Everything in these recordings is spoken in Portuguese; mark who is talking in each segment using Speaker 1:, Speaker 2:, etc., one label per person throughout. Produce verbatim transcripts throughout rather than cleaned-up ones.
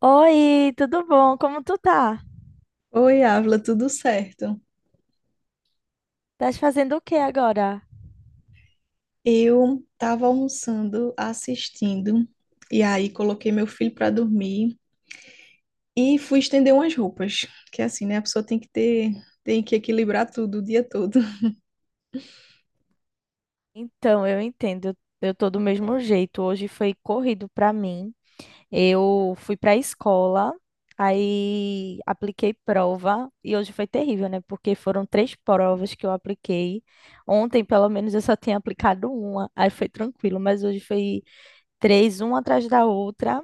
Speaker 1: Oi, tudo bom? Como tu tá?
Speaker 2: Oi, Ávila, tudo certo?
Speaker 1: Estás fazendo o que agora?
Speaker 2: Eu estava almoçando, assistindo, e aí coloquei meu filho para dormir e fui estender umas roupas, que é assim, né? A pessoa tem que ter, tem que equilibrar tudo o dia todo.
Speaker 1: Então, eu entendo. Eu tô do mesmo jeito. Hoje foi corrido pra mim. Eu fui pra escola, aí apliquei prova e hoje foi terrível, né? Porque foram três provas que eu apliquei. Ontem, pelo menos, eu só tinha aplicado uma, aí foi tranquilo, mas hoje foi três, uma atrás da outra.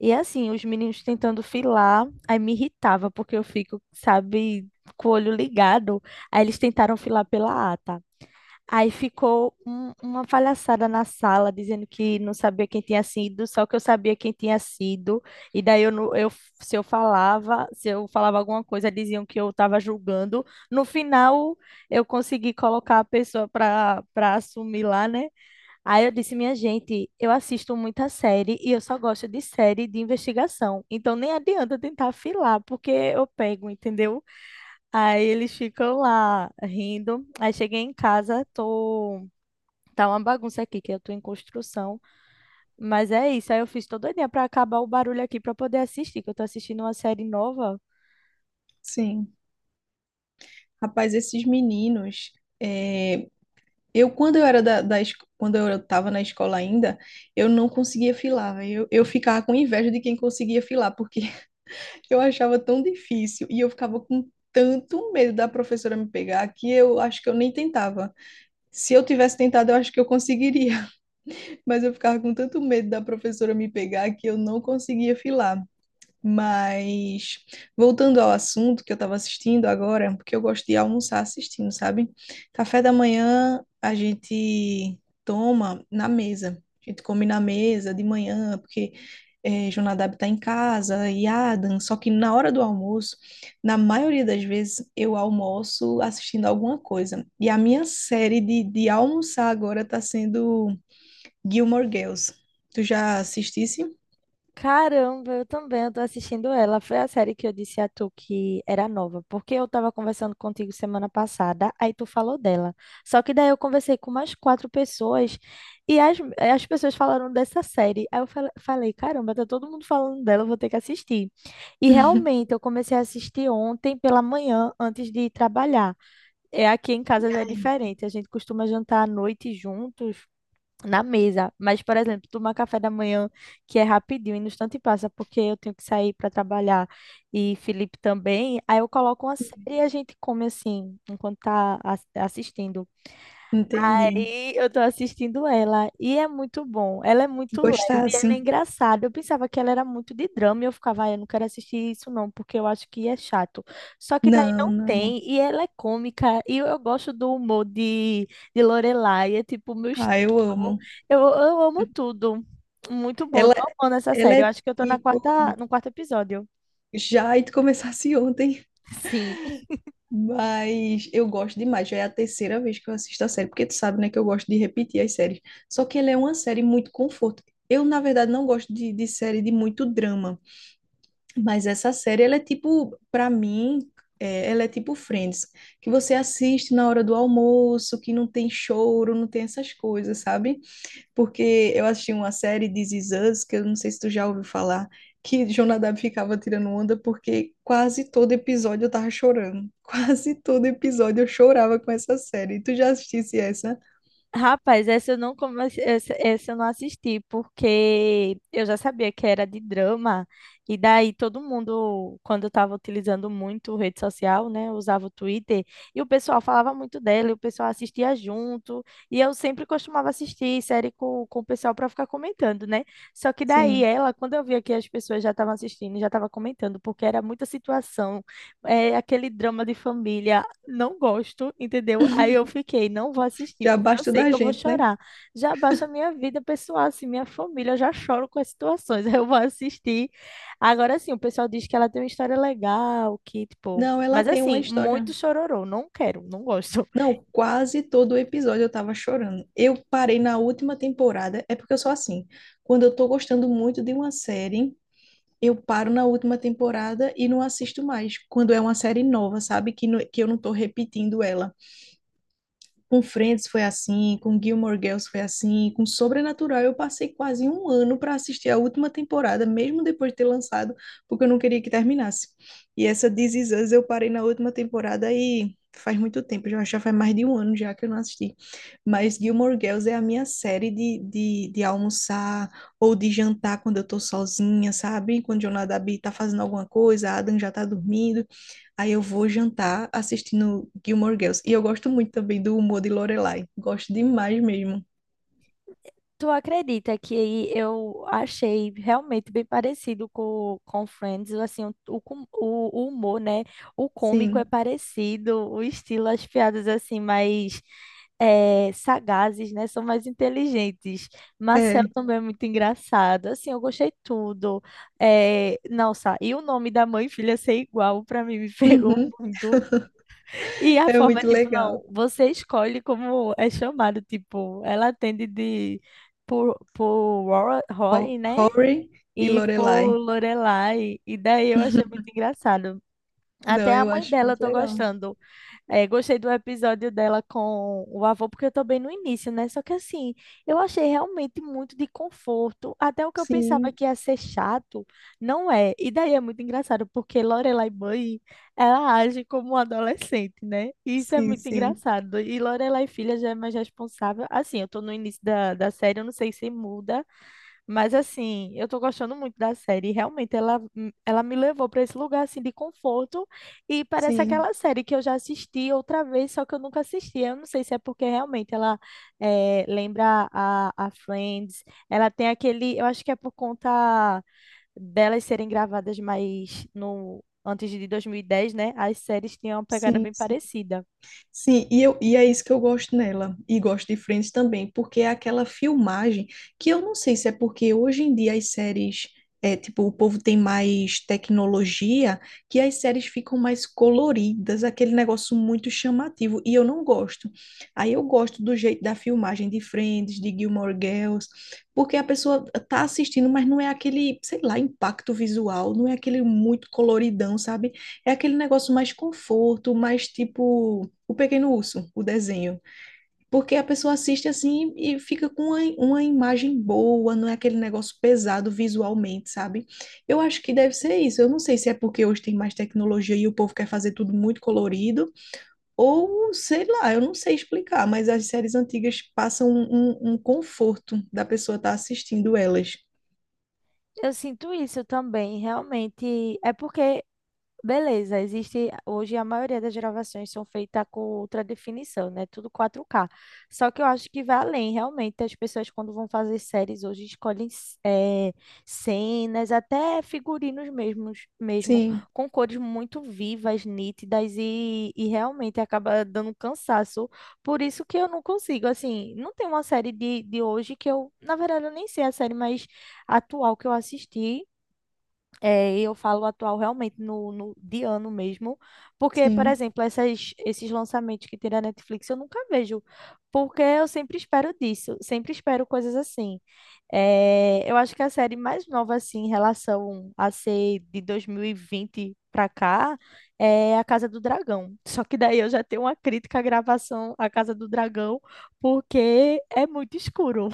Speaker 1: E assim, os meninos tentando filar, aí me irritava, porque eu fico, sabe, com o olho ligado. Aí eles tentaram filar pela ata. Aí ficou um- uma palhaçada na sala, dizendo que não sabia quem tinha sido, só que eu sabia quem tinha sido. E daí eu, não- eu se eu falava, se eu falava alguma coisa, diziam que eu estava julgando. No final, eu consegui colocar a pessoa para para assumir lá, né? Aí eu disse, minha gente, eu assisto muita série e eu só gosto de série de investigação. Então nem adianta tentar afilar, porque eu pego, entendeu? Aí eles ficam lá rindo. Aí cheguei em casa, tô. Tá uma bagunça aqui, que eu tô em construção. Mas é isso. Aí eu fiz todo dia pra acabar o barulho aqui pra poder assistir, que eu tô assistindo uma série nova.
Speaker 2: Sim. Rapaz, esses meninos, é, eu quando eu era da, da es- quando eu estava na escola ainda, eu não conseguia filar, véi. eu, eu ficava com inveja de quem conseguia filar, porque eu achava tão difícil e eu ficava com tanto medo da professora me pegar que eu acho que eu nem tentava. Se eu tivesse tentado, eu acho que eu conseguiria, mas eu ficava com tanto medo da professora me pegar que eu não conseguia filar. Mas voltando ao assunto, que eu estava assistindo agora, porque eu gosto de almoçar assistindo, sabe? Café da manhã a gente toma na mesa. A gente come na mesa de manhã, porque eh, Jonadab está em casa e Adam. Só que na hora do almoço, na maioria das vezes, eu almoço assistindo alguma coisa. E a minha série de, de almoçar agora está sendo Gilmore Girls. Tu já assistisse?
Speaker 1: Caramba, eu também, eu tô assistindo ela. Foi a série que eu disse a tu que era nova, porque eu tava conversando contigo semana passada, aí tu falou dela. Só que daí eu conversei com mais quatro pessoas e as, as pessoas falaram dessa série. Aí eu fal- falei, caramba, tá todo mundo falando dela, eu vou ter que assistir. E realmente, eu comecei a assistir ontem pela manhã, antes de ir trabalhar. É, aqui em casa já é
Speaker 2: Ai,
Speaker 1: diferente, a gente costuma jantar à noite juntos, na mesa. Mas, por exemplo, tomar café da manhã, que é rapidinho, e no instante passa, porque eu tenho que sair para trabalhar e Felipe também. Aí eu coloco uma série e a gente come assim, enquanto tá as- assistindo.
Speaker 2: entendi.
Speaker 1: Aí eu tô assistindo ela e é muito bom. Ela é muito leve,
Speaker 2: Gostar
Speaker 1: ela é
Speaker 2: assim?
Speaker 1: engraçada. Eu pensava que ela era muito de drama e eu ficava: "Ah, eu não quero assistir isso não, porque eu acho que é chato." Só que daí
Speaker 2: Não,
Speaker 1: não
Speaker 2: não.
Speaker 1: tem e ela é cômica e eu, eu gosto do humor de, de Lorelai, é tipo o meu
Speaker 2: Ah,
Speaker 1: estilo.
Speaker 2: eu amo.
Speaker 1: Eu, eu amo tudo. Muito bom,
Speaker 2: Ela,
Speaker 1: tô amando essa
Speaker 2: ela
Speaker 1: série. Eu
Speaker 2: é
Speaker 1: acho que eu tô na
Speaker 2: tipo,
Speaker 1: quarta, no quarto episódio.
Speaker 2: já e tu começasse ontem,
Speaker 1: Sim.
Speaker 2: mas eu gosto demais. Já é a terceira vez que eu assisto a série, porque tu sabe, né, que eu gosto de repetir as séries. Só que ela é uma série muito conforto. Eu, na verdade, não gosto de, de série de muito drama, mas essa série, ela é tipo, pra mim, é, ela é tipo Friends, que você assiste na hora do almoço, que não tem choro, não tem essas coisas, sabe? Porque eu assisti uma série de This Is Us, que eu não sei se tu já ouviu falar, que Jonadab ficava tirando onda porque quase todo episódio eu tava chorando. Quase todo episódio eu chorava com essa série. Tu já assistisse essa?
Speaker 1: Rapaz, essa eu não comecei, essa, essa eu não assisti, porque eu já sabia que era de drama, e daí todo mundo, quando eu estava utilizando muito rede social, né, eu usava o Twitter, e o pessoal falava muito dela, e o pessoal assistia junto, e eu sempre costumava assistir série com, com o pessoal para ficar comentando, né? Só que daí
Speaker 2: Sim.
Speaker 1: ela, quando eu via que as pessoas já estavam assistindo, já estavam comentando, porque era muita situação, é, aquele drama de família, não gosto, entendeu? Aí eu fiquei, não vou assistir,
Speaker 2: Já
Speaker 1: porque eu
Speaker 2: basta
Speaker 1: sei
Speaker 2: da
Speaker 1: que eu vou
Speaker 2: gente, né?
Speaker 1: chorar. Já baixa a minha vida pessoal, assim, minha família, eu já choro com as situações. Aí eu vou assistir. Agora sim, o pessoal diz que ela tem uma história legal, que, tipo.
Speaker 2: Não, ela
Speaker 1: Mas
Speaker 2: tem uma
Speaker 1: assim,
Speaker 2: história.
Speaker 1: muito chororô, não quero, não gosto.
Speaker 2: Não, quase todo episódio eu tava chorando. Eu parei na última temporada, é porque eu sou assim. Quando eu tô gostando muito de uma série, eu paro na última temporada e não assisto mais. Quando é uma série nova, sabe? Que, no- que eu não tô repetindo ela. Com Friends foi assim, com Gilmore Girls foi assim, com Sobrenatural eu passei quase um ano para assistir a última temporada, mesmo depois de ter lançado, porque eu não queria que terminasse. E essa This Is Us eu parei na última temporada e faz muito tempo, já, já faz mais de um ano já que eu não assisti. Mas Gilmore Girls é a minha série de, de, de almoçar ou de jantar quando eu tô sozinha, sabe? Quando o Jonadabi tá fazendo alguma coisa, a Adam já tá dormindo. Aí eu vou jantar assistindo Gilmore Girls. E eu gosto muito também do humor de Lorelai. Gosto demais mesmo.
Speaker 1: Tu acredita que eu achei realmente bem parecido com, com Friends, assim, o, o, com- o o humor, né? O cômico é
Speaker 2: Sim,
Speaker 1: parecido, o estilo, as piadas, assim, mais eh, sagazes, né? São mais inteligentes. Marcel
Speaker 2: é.
Speaker 1: também é muito engraçado, assim, eu gostei tudo. Eh, nossa, e o nome da mãe e filha ser igual, pra mim, me pegou
Speaker 2: Uhum.
Speaker 1: muito. E a
Speaker 2: É
Speaker 1: forma é
Speaker 2: muito
Speaker 1: tipo,
Speaker 2: legal.
Speaker 1: não, você escolhe como é chamado, tipo, ela atende de por, por Ro- Rory,
Speaker 2: Ho-
Speaker 1: né?
Speaker 2: Rory e
Speaker 1: E por
Speaker 2: Lorelai.
Speaker 1: Lorelai. E daí eu achei muito engraçado.
Speaker 2: Não,
Speaker 1: Até a
Speaker 2: eu
Speaker 1: mãe
Speaker 2: acho
Speaker 1: dela eu
Speaker 2: muito
Speaker 1: tô
Speaker 2: legal.
Speaker 1: gostando. É, gostei do episódio dela com o avô, porque eu tô bem no início, né? Só que assim, eu achei realmente muito de conforto. Até o que eu pensava
Speaker 2: Sim,
Speaker 1: que ia ser chato, não é. E daí é muito engraçado, porque Lorelai mãe, ela age como uma adolescente, né? E isso é
Speaker 2: sim,
Speaker 1: muito
Speaker 2: sim,
Speaker 1: engraçado. E Lorelai filha já é mais responsável. Assim, eu tô no início da, da série, eu não sei se muda, mas assim, eu tô gostando muito da série. E realmente, ela, hum, ela me levou para esse lugar assim de conforto e parece
Speaker 2: sim,
Speaker 1: aquela série que eu já assisti outra vez, só que eu nunca assisti. Eu não sei se é porque realmente ela eh, lembra a, a Friends. Ela tem aquele, eu acho que é por conta delas serem gravadas mais no antes de dois mil e dez, né? As séries tinham uma pegada
Speaker 2: sim,
Speaker 1: bem
Speaker 2: sim.
Speaker 1: parecida.
Speaker 2: Sim, e, eu, e é isso que eu gosto nela, e gosto de Friends também, porque é aquela filmagem que eu não sei se é porque hoje em dia as séries, é, tipo, o povo tem mais tecnologia, que as séries ficam mais coloridas, aquele negócio muito chamativo, e eu não gosto. Aí eu gosto do jeito da filmagem de Friends, de Gilmore Girls, porque a pessoa tá assistindo, mas não é aquele, sei lá, impacto visual, não é aquele muito coloridão, sabe? É aquele negócio mais conforto, mais tipo o Pequeno Urso, o desenho. Porque a pessoa assiste assim e fica com uma, uma imagem boa, não é aquele negócio pesado visualmente, sabe? Eu acho que deve ser isso. Eu não sei se é porque hoje tem mais tecnologia e o povo quer fazer tudo muito colorido, ou sei lá, eu não sei explicar, mas as séries antigas passam um, um um conforto da pessoa estar assistindo elas.
Speaker 1: Eu sinto isso também, realmente. É porque beleza, existe hoje a maioria das gravações são feitas com ultra definição, né? Tudo quatro K. Só que eu acho que vai além, realmente. As pessoas, quando vão fazer séries hoje, escolhem c- eh, cenas, até figurinos mesmos, mesmo,
Speaker 2: Sim,
Speaker 1: com cores muito vivas, nítidas, e, e realmente acaba dando cansaço. Por isso que eu não consigo, assim, não tem uma série de, de hoje que eu, na verdade, eu nem sei a série mais atual que eu assisti. É, eu falo atual realmente no, no de ano mesmo, porque, por
Speaker 2: sim.
Speaker 1: exemplo, essas, esses lançamentos que tem na Netflix eu nunca vejo, porque eu sempre espero disso, sempre espero coisas assim. É, eu acho que a série mais nova, assim, em relação a ser de dois mil e vinte pra cá, é A Casa do Dragão. Só que daí eu já tenho uma crítica à gravação A Casa do Dragão, porque é muito escuro,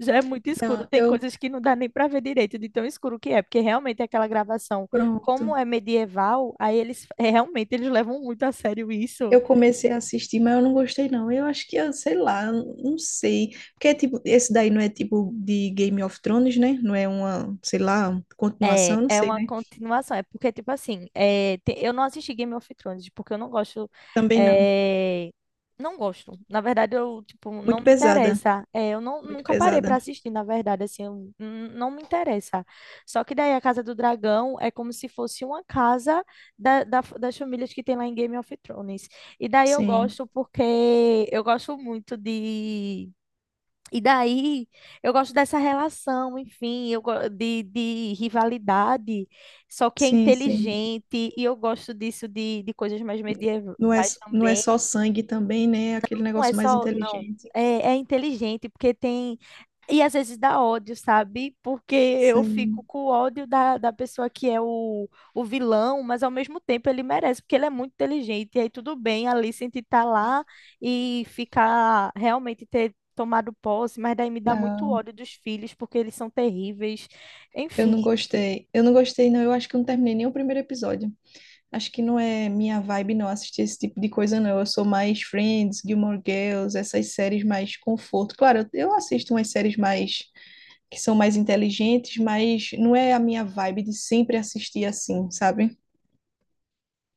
Speaker 1: já é muito escuro.
Speaker 2: Não,
Speaker 1: Tem
Speaker 2: eu.
Speaker 1: coisas que não dá nem para ver direito de tão escuro que é, porque realmente aquela gravação,
Speaker 2: Pronto.
Speaker 1: como é medieval, aí eles é, realmente eles levam muito a sério isso.
Speaker 2: Eu comecei a assistir, mas eu não gostei, não. Eu acho que, eu sei lá, eu não sei. Porque, é tipo, esse daí não é tipo de Game of Thrones, né? Não é uma, sei lá,
Speaker 1: É,
Speaker 2: continuação, não
Speaker 1: é
Speaker 2: sei,
Speaker 1: uma
Speaker 2: né?
Speaker 1: continuação. É porque, tipo assim, é, te- eu não assisti Game of Thrones, porque eu não gosto.
Speaker 2: Também não.
Speaker 1: É, não gosto. Na verdade, eu, tipo, não
Speaker 2: Muito
Speaker 1: me
Speaker 2: pesada,
Speaker 1: interessa. É, eu não,
Speaker 2: muito
Speaker 1: nunca parei pra
Speaker 2: pesada.
Speaker 1: assistir, na verdade, assim, eu, n- não me interessa. Só que daí a Casa do Dragão é como se fosse uma casa da, da- f- das famílias que tem lá em Game of Thrones. E daí eu
Speaker 2: Sim,
Speaker 1: gosto porque eu gosto muito de e daí, eu gosto dessa relação, enfim, eu go- de, de rivalidade, só que é
Speaker 2: sim, sim.
Speaker 1: inteligente, e eu gosto disso de, de coisas mais
Speaker 2: Não é,
Speaker 1: medievais
Speaker 2: não é
Speaker 1: também.
Speaker 2: só sangue também, né? É aquele
Speaker 1: Não é
Speaker 2: negócio mais
Speaker 1: só, não,
Speaker 2: inteligente.
Speaker 1: é, é inteligente, porque tem e às vezes dá ódio, sabe? Porque eu fico
Speaker 2: Sim.
Speaker 1: com o ódio da, da pessoa que é o, o vilão, mas ao mesmo tempo ele merece, porque ele é muito inteligente. E aí tudo bem a Alicent estar lá e ficar realmente ter tomado posse, mas daí me dá muito
Speaker 2: Não,
Speaker 1: ódio dos filhos, porque eles são terríveis.
Speaker 2: eu
Speaker 1: Enfim,
Speaker 2: não gostei. Eu não gostei, não. Eu acho que eu não terminei nem o primeiro episódio. Acho que não é minha vibe não assistir esse tipo de coisa não. Eu sou mais Friends, Gilmore Girls, essas séries mais conforto. Claro, eu eu assisto umas séries mais que são mais inteligentes, mas não é a minha vibe de sempre assistir assim, sabe?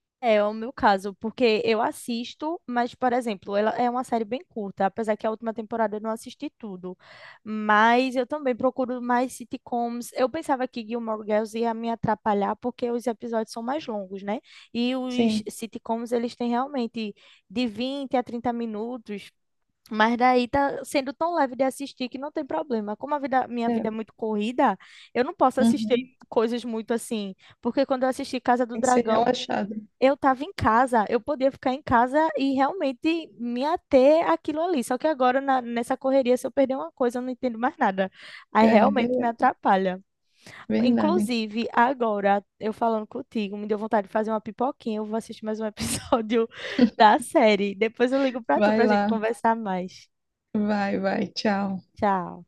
Speaker 1: É é o meu caso, porque eu assisto, mas, por exemplo, ela é uma série bem curta, apesar que a última temporada eu não assisti tudo. Mas eu também procuro mais sitcoms. Eu pensava que Gilmore Girls ia me atrapalhar, porque os episódios são mais longos, né? E os
Speaker 2: Sim,
Speaker 1: sitcoms, eles têm realmente de vinte a trinta minutos. Mas daí tá sendo tão leve de assistir que não tem problema. Como a vida, minha vida
Speaker 2: é.
Speaker 1: é muito corrida, eu não posso assistir
Speaker 2: Uhum.
Speaker 1: coisas muito assim. Porque quando eu assisti Casa do
Speaker 2: Tem que ser
Speaker 1: Dragão,
Speaker 2: relaxado.
Speaker 1: eu estava em casa, eu podia ficar em casa e realmente me ater àquilo ali. Só que agora, na- nessa correria, se eu perder uma coisa, eu não entendo mais nada. Aí
Speaker 2: É ver-
Speaker 1: realmente me atrapalha.
Speaker 2: Verdade.
Speaker 1: Inclusive, agora, eu falando contigo, me deu vontade de fazer uma pipoquinha. Eu vou assistir mais um episódio da série. Depois eu ligo para tu
Speaker 2: Vai
Speaker 1: para a gente
Speaker 2: lá.
Speaker 1: conversar mais.
Speaker 2: Vai, vai. Tchau.
Speaker 1: Tchau.